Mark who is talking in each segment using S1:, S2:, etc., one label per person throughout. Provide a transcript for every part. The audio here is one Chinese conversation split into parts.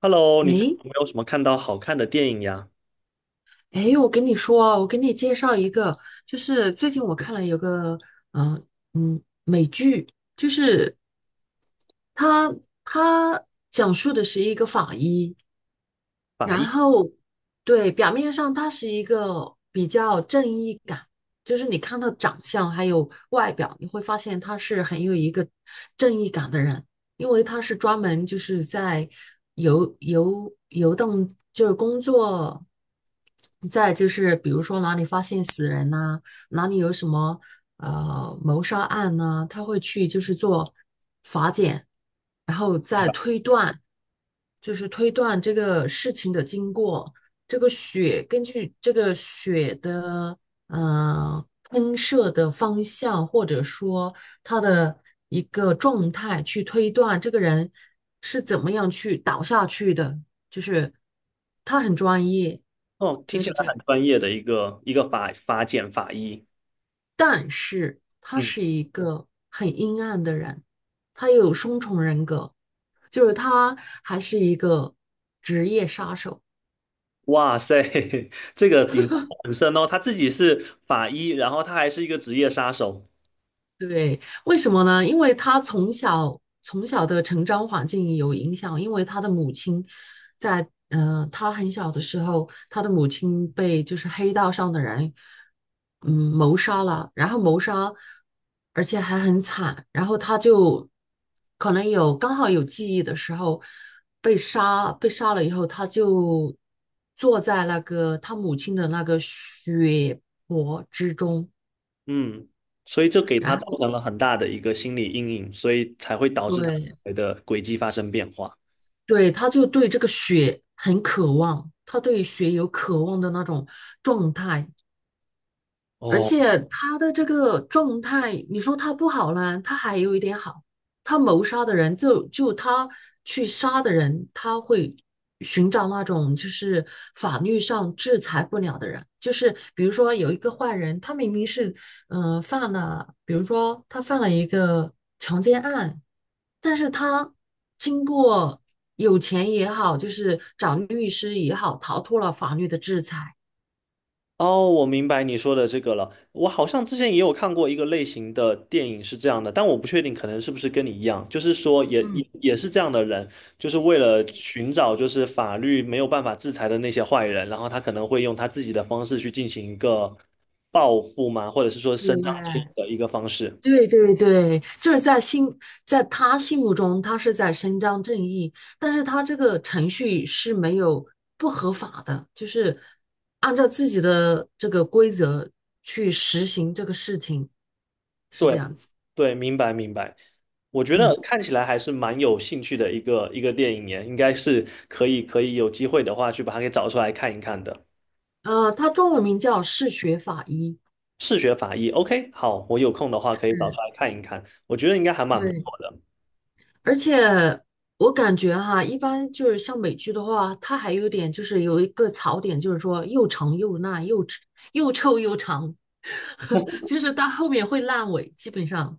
S1: Hello，你最近
S2: 诶
S1: 有没有什么看到好看的电影呀？
S2: 诶，我跟你说啊，我给你介绍一个，就是最近我看了有个，嗯、美剧，就是它它讲述的是一个法医。
S1: 法
S2: 然
S1: 医。
S2: 后，对，表面上他是一个比较正义感，就是你看他长相还有外表，你会发现他是很有一个正义感的人。因为他是专门就是在游动，就是工作，在就是比如说哪里发现死人呐、哪里有什么谋杀案呐、他会去就是做法检，然后再推断。就是推断这个事情的经过。这个血根据这个血的喷射的方向，或者说它的一个状态，去推断这个人是怎么样去倒下去的。就是他很专业，
S1: 哦，
S2: 就
S1: 听起
S2: 是
S1: 来
S2: 这，
S1: 很专业的一个法法检法医。
S2: 但是他
S1: 嗯，
S2: 是一个很阴暗的人。他有双重人格，就是他还是一个职业杀手。
S1: 哇塞，这个影很深哦。他自己是法医，然后他还是一个职业杀手。
S2: 为什么呢？因为他从小的成长环境有影响，因为他的母亲在他很小的时候，他的母亲被就是黑道上的人谋杀了，然后谋杀，而且还很惨，然后他就可能有刚好有记忆的时候被杀。被杀了以后，他就坐在那个他母亲的那个血泊之中，
S1: 嗯，所以就给
S2: 然
S1: 他造
S2: 后
S1: 成了很大的一个心理阴影，所以才会导致他
S2: 对。
S1: 的轨迹发生变化。
S2: 对，他就对这个血很渴望，他对血有渴望的那种状态。而
S1: 哦。
S2: 且他的这个状态，你说他不好呢，他还有一点好。他谋杀的人就他去杀的人，他会寻找那种就是法律上制裁不了的人。就是比如说有一个坏人，他明明是犯了，比如说他犯了一个强奸案，但是他经过有钱也好，就是找律师也好，逃脱了法律的制裁。
S1: 哦，我明白你说的这个了。我好像之前也有看过一个类型的电影是这样的，但我不确定可能是不是跟你一样，就是说也
S2: 嗯，
S1: 也也是这样的人，就是为了寻找就是法律没有办法制裁的那些坏人，然后他可能会用他自己的方式去进行一个报复嘛，或者是说伸张正义
S2: 对。
S1: 的一个方式。
S2: 对对对，在他心目中，他是在伸张正义，但是他这个程序是没有不合法的，就是按照自己的这个规则去实行这个事情，是
S1: 对
S2: 这样子。
S1: 对，明白明白。我觉
S2: 嗯，
S1: 得看起来还是蛮有兴趣的一个电影耶，应该是可以有机会的话去把它给找出来看一看的。
S2: 他中文名叫嗜血法医。
S1: 视觉法医，OK,好，我有空的话可以找出
S2: 嗯，
S1: 来看一看，我觉得应该还蛮不错
S2: 对。
S1: 的。
S2: 而且我感觉哈，一般就是像美剧的话，它还有点就是有一个槽点，就是说又长又烂，又臭又长，就是到后面会烂尾，基本上。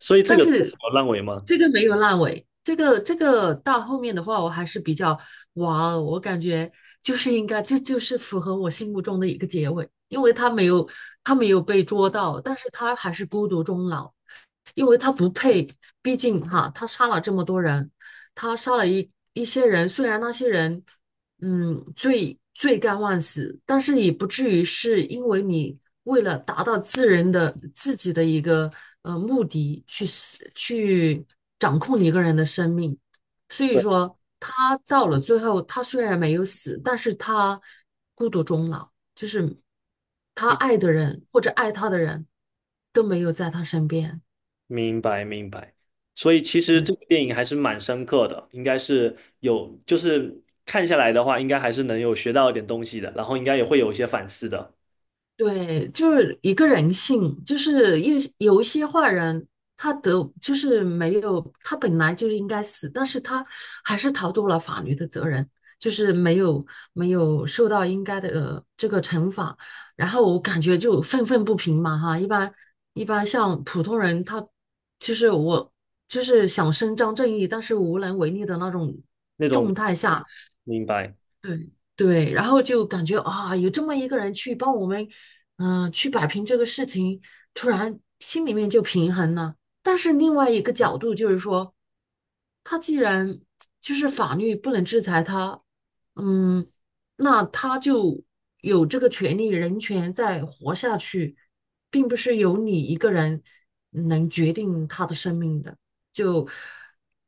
S1: 所以这
S2: 但
S1: 个
S2: 是
S1: 我认为吗？
S2: 这个没有烂尾，这个到后面的话，我还是比较哇哦，我感觉就是应该，这就是符合我心目中的一个结尾。因为他没有被捉到，但是他还是孤独终老，因为他不配。毕竟哈，他杀了这么多人，他杀了一些人，虽然那些人罪该万死，但是也不至于是因为你为了达到自己的一个目的去掌控一个人的生命。所以
S1: 对。
S2: 说他到了最后，他虽然没有死，但是他孤独终老，就是他
S1: 嗯，
S2: 爱的人或者爱他的人都没有在他身边。
S1: 明白明白。所以其实
S2: 对。
S1: 这个电影还是蛮深刻的，应该是有，就是看下来的话，应该还是能有学到一点东西的，然后应该也会有一些反思的
S2: 对，就是一个人性，就是有一些坏人，他得就是没有，他本来就是应该死，但是他还是逃脱了法律的责任，就是没有受到应该的、这个惩罚。然后我感觉就愤愤不平嘛哈。一般像普通人他，就是我就是想伸张正义，但是无能为力的那种
S1: 那种。
S2: 状态下，
S1: 明白。
S2: 对对。然后就感觉啊，有这么一个人去帮我们，去摆平这个事情，突然心里面就平衡了。但是另外一个角度就是说，他既然就是法律不能制裁他，嗯，那他就有这个权利、人权在活下去，并不是由你一个人能决定他的生命的。就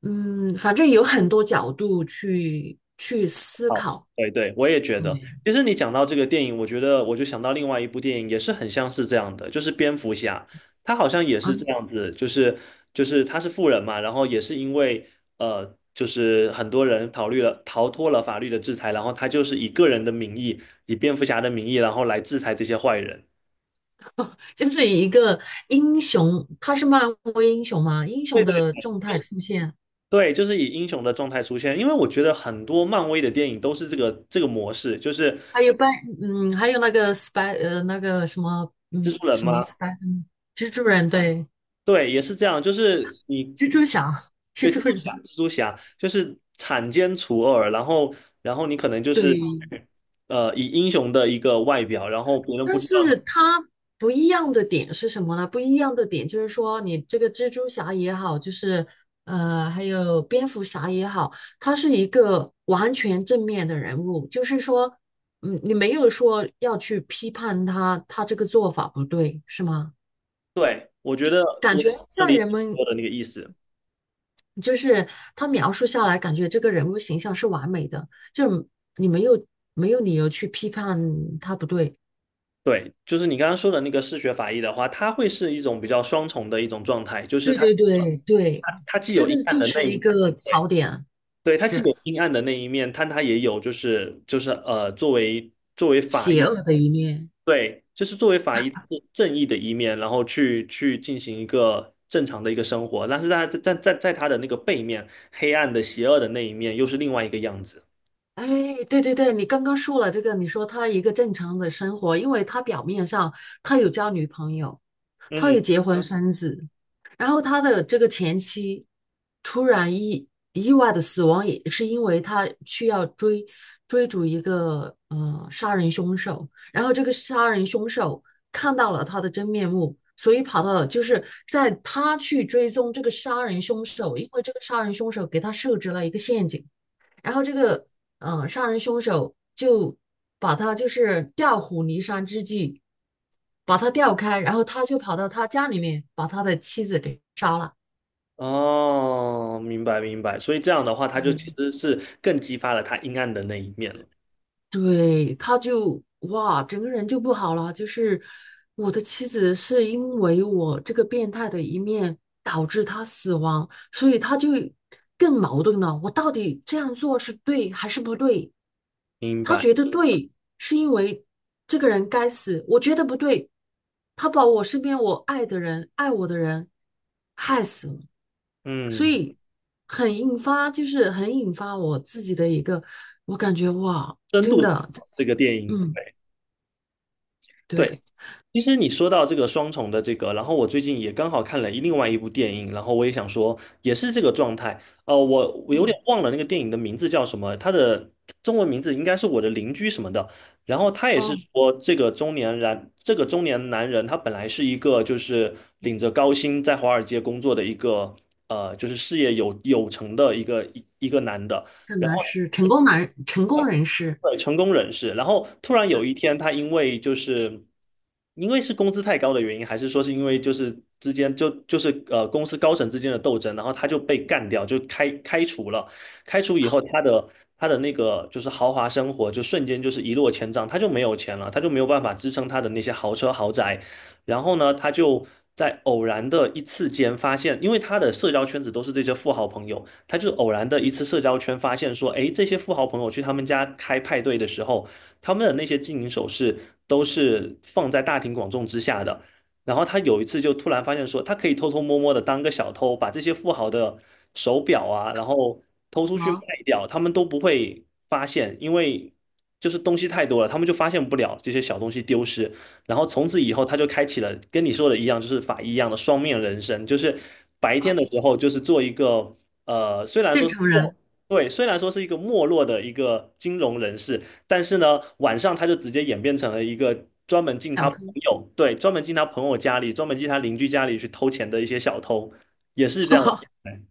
S2: 嗯，反正有很多角度去思
S1: 好，
S2: 考。
S1: 对对，我也觉得。
S2: 对
S1: 其实你讲到这个电影，我觉得我就想到另外一部电影，也是很像是这样的，就是蝙蝠侠，他好像也
S2: 啊，
S1: 是这样子，就是就是他是富人嘛，然后也是因为就是很多人逃脱了法律的制裁，然后他就是以个人的名义，以蝙蝠侠的名义，然后来制裁这些坏人。
S2: 就是以一个英雄，他是漫威英雄嘛，英
S1: 对
S2: 雄
S1: 对
S2: 的状态出现。
S1: 对，就是以英雄的状态出现，因为我觉得很多漫威的电影都是这个模式，就是
S2: 还有班，嗯，还有那个 spy，呃，那个什么，
S1: 蜘
S2: 嗯，
S1: 蛛人
S2: 什么
S1: 嘛。
S2: spy，蜘蛛人，对，
S1: 对，也是这样，就是你
S2: 蜘蛛侠，蜘
S1: 对
S2: 蛛
S1: 蜘蛛侠，
S2: 人，
S1: 蜘蛛侠就是铲奸除恶，然后然后你可能就是
S2: 对。
S1: 以英雄的一个外表，然后别人不
S2: 但
S1: 知道
S2: 是
S1: 你。
S2: 它不一样的点是什么呢？不一样的点就是说，你这个蜘蛛侠也好，就是还有蝙蝠侠也好，他是一个完全正面的人物。就是说，嗯，你没有说要去批判他，他这个做法不对，是吗？
S1: 对，我觉得
S2: 感
S1: 我
S2: 觉
S1: 能
S2: 在
S1: 理解
S2: 人
S1: 你
S2: 们
S1: 说的那个意思。
S2: 就是他描述下来，感觉这个人物形象是完美的，就你没有没有理由去批判他不对。
S1: 对，就是你刚刚说的那个嗜血法医的话，它会是一种比较双重的一种状态，就是
S2: 对
S1: 它
S2: 对对对，
S1: 它它既
S2: 这
S1: 有
S2: 个
S1: 阴暗
S2: 就
S1: 的那
S2: 是
S1: 一
S2: 一个
S1: 对
S2: 槽点，
S1: 对，它既
S2: 是
S1: 有阴暗的那一面，但它也有就是作为法
S2: 邪
S1: 医。
S2: 恶的一面。
S1: 对，就是作为法医是正义的一面，然后去进行一个正常的一个生活，但是在他的那个背面，黑暗的、邪恶的那一面又是另外一个样子。
S2: 哎，对对对，你刚刚说了这个，你说他一个正常的生活，因为他表面上他有交女朋友，他也
S1: 嗯，
S2: 结婚生子。然后他的这个前妻突然意意外的死亡，也是因为他去要追逐一个杀人凶手，然后这个杀人凶手看到了他的真面目，所以跑到了就是在他去追踪这个杀人凶手，因为这个杀人凶手给他设置了一个陷阱。然后这个杀人凶手就把他就是调虎离山之计，把他调开，然后他就跑到他家里面把他的妻子给杀了。
S1: 哦，明白明白，所以这样的话，他就其
S2: 对，
S1: 实是更激发了他阴暗的那一面了。
S2: 对，他就哇，整个人就不好了。就是我的妻子是因为我这个变态的一面导致他死亡，所以他就更矛盾了。我到底这样做是对还是不对？
S1: 明
S2: 他
S1: 白。
S2: 觉得对，是因为这个人该死；我觉得不对，他把我身边我爱的人、爱我的人害死了。所
S1: 嗯，
S2: 以很引发，就是很引发我自己的一个，我感觉哇，
S1: 深
S2: 真
S1: 度
S2: 的，真的，
S1: 这个电影，
S2: 嗯，
S1: 对，
S2: 对，
S1: 其实你说到这个双重的这个，然后我最近也刚好看了一另外一部电影，然后我也想说，也是这个状态。我有
S2: 嗯。
S1: 点忘了那个电影的名字叫什么，它的中文名字应该是我的邻居什么的。然后他也是
S2: 哦，
S1: 说，这个中年男人，他本来是一个就是领着高薪在华尔街工作的一个就是事业有成的一个男的。
S2: 可
S1: 然后。
S2: 能是成功男、成功人士，
S1: 对，成功人士，然后突然有一天，他因为因为是工资太高的原因，还是说是因为就是之间就是公司高层之间的斗争，然后他就被干掉，就开除了。开除以后，他的那个就是豪华生活就瞬间就是一落千丈，他就没有钱了，他就没有办法支撑他的那些豪车豪宅。然后呢，他就在偶然的一次间发现，因为他的社交圈子都是这些富豪朋友。他就偶然的一次社交圈发现说，诶，这些富豪朋友去他们家开派对的时候，他们的那些金银首饰都是放在大庭广众之下的。然后他有一次就突然发现说，他可以偷偷摸摸的当个小偷，把这些富豪的手表啊，然后偷出去卖
S2: 好，
S1: 掉，他们都不会发现，因为就是东西太多了，他们就发现不了这些小东西丢失。然后从此以后，他就开启了跟你说的一样，就是法医一样的双面人生，就是白天的时候就是做一个。虽然
S2: 正
S1: 说是
S2: 常
S1: 没，
S2: 人，
S1: 对，虽然说是一个没落的一个金融人士，但是呢，晚上他就直接演变成了一个专门进
S2: 小
S1: 他
S2: 偷。
S1: 朋友，对，专门进他朋友家里，专门进他邻居家里去偷钱的一些小偷，也是这样的。对，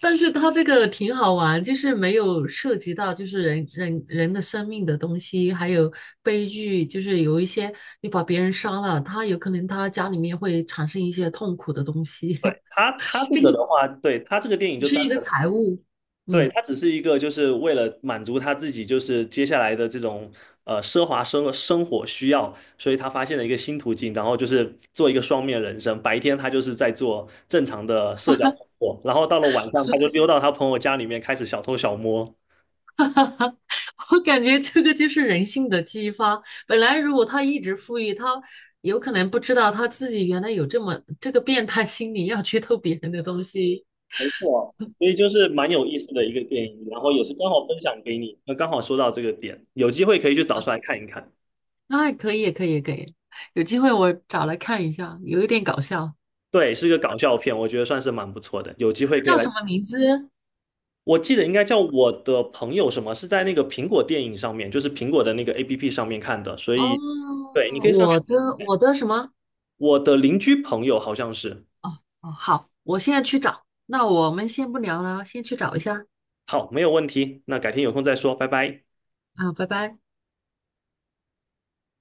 S2: 但是他这个挺好玩，就是没有涉及到就是人的生命的东西，还有悲剧，就是有一些你把别人杀了，他有可能他家里面会产生一些痛苦的东西，
S1: 对他他 这
S2: 这个
S1: 个的话，对他这个电影
S2: 只
S1: 就
S2: 是
S1: 单
S2: 一个
S1: 纯。
S2: 财务。
S1: 对，
S2: 嗯，
S1: 他只是一个，就是为了满足他自己，就是接下来的这种奢华生活需要，所以他发现了一个新途径，然后就是做一个双面人生。白天他就是在做正常的社交工作，然后到了晚上他就溜到他朋友家里面开始小偷小摸。
S2: 我感觉这个就是人性的激发。本来如果他一直富裕，他有可能不知道他自己原来有这么这个变态心理，要去偷别人的东西。
S1: 没错，所以就是蛮有意思的一个电影，然后也是刚好分享给你。那刚好说到这个点，有机会可以去找出来看一看。
S2: 那可以，可以，可以，有机会我找来看一下，有一点搞笑。
S1: 对，是一个搞笑片，我觉得算是蛮不错的，有机会可以
S2: 叫
S1: 来。
S2: 什么名字？
S1: 我记得应该叫我的朋友什么，是在那个苹果电影上面，就是苹果的那个 APP 上面看的，所
S2: 哦，
S1: 以对，你可以上去。
S2: 我的什么？
S1: 我的邻居朋友好像是，
S2: 哦哦，好，我现在去找。那我们先不聊了，先去找一下
S1: 好，没有问题，那改天有空再说，拜拜。
S2: 啊，拜拜。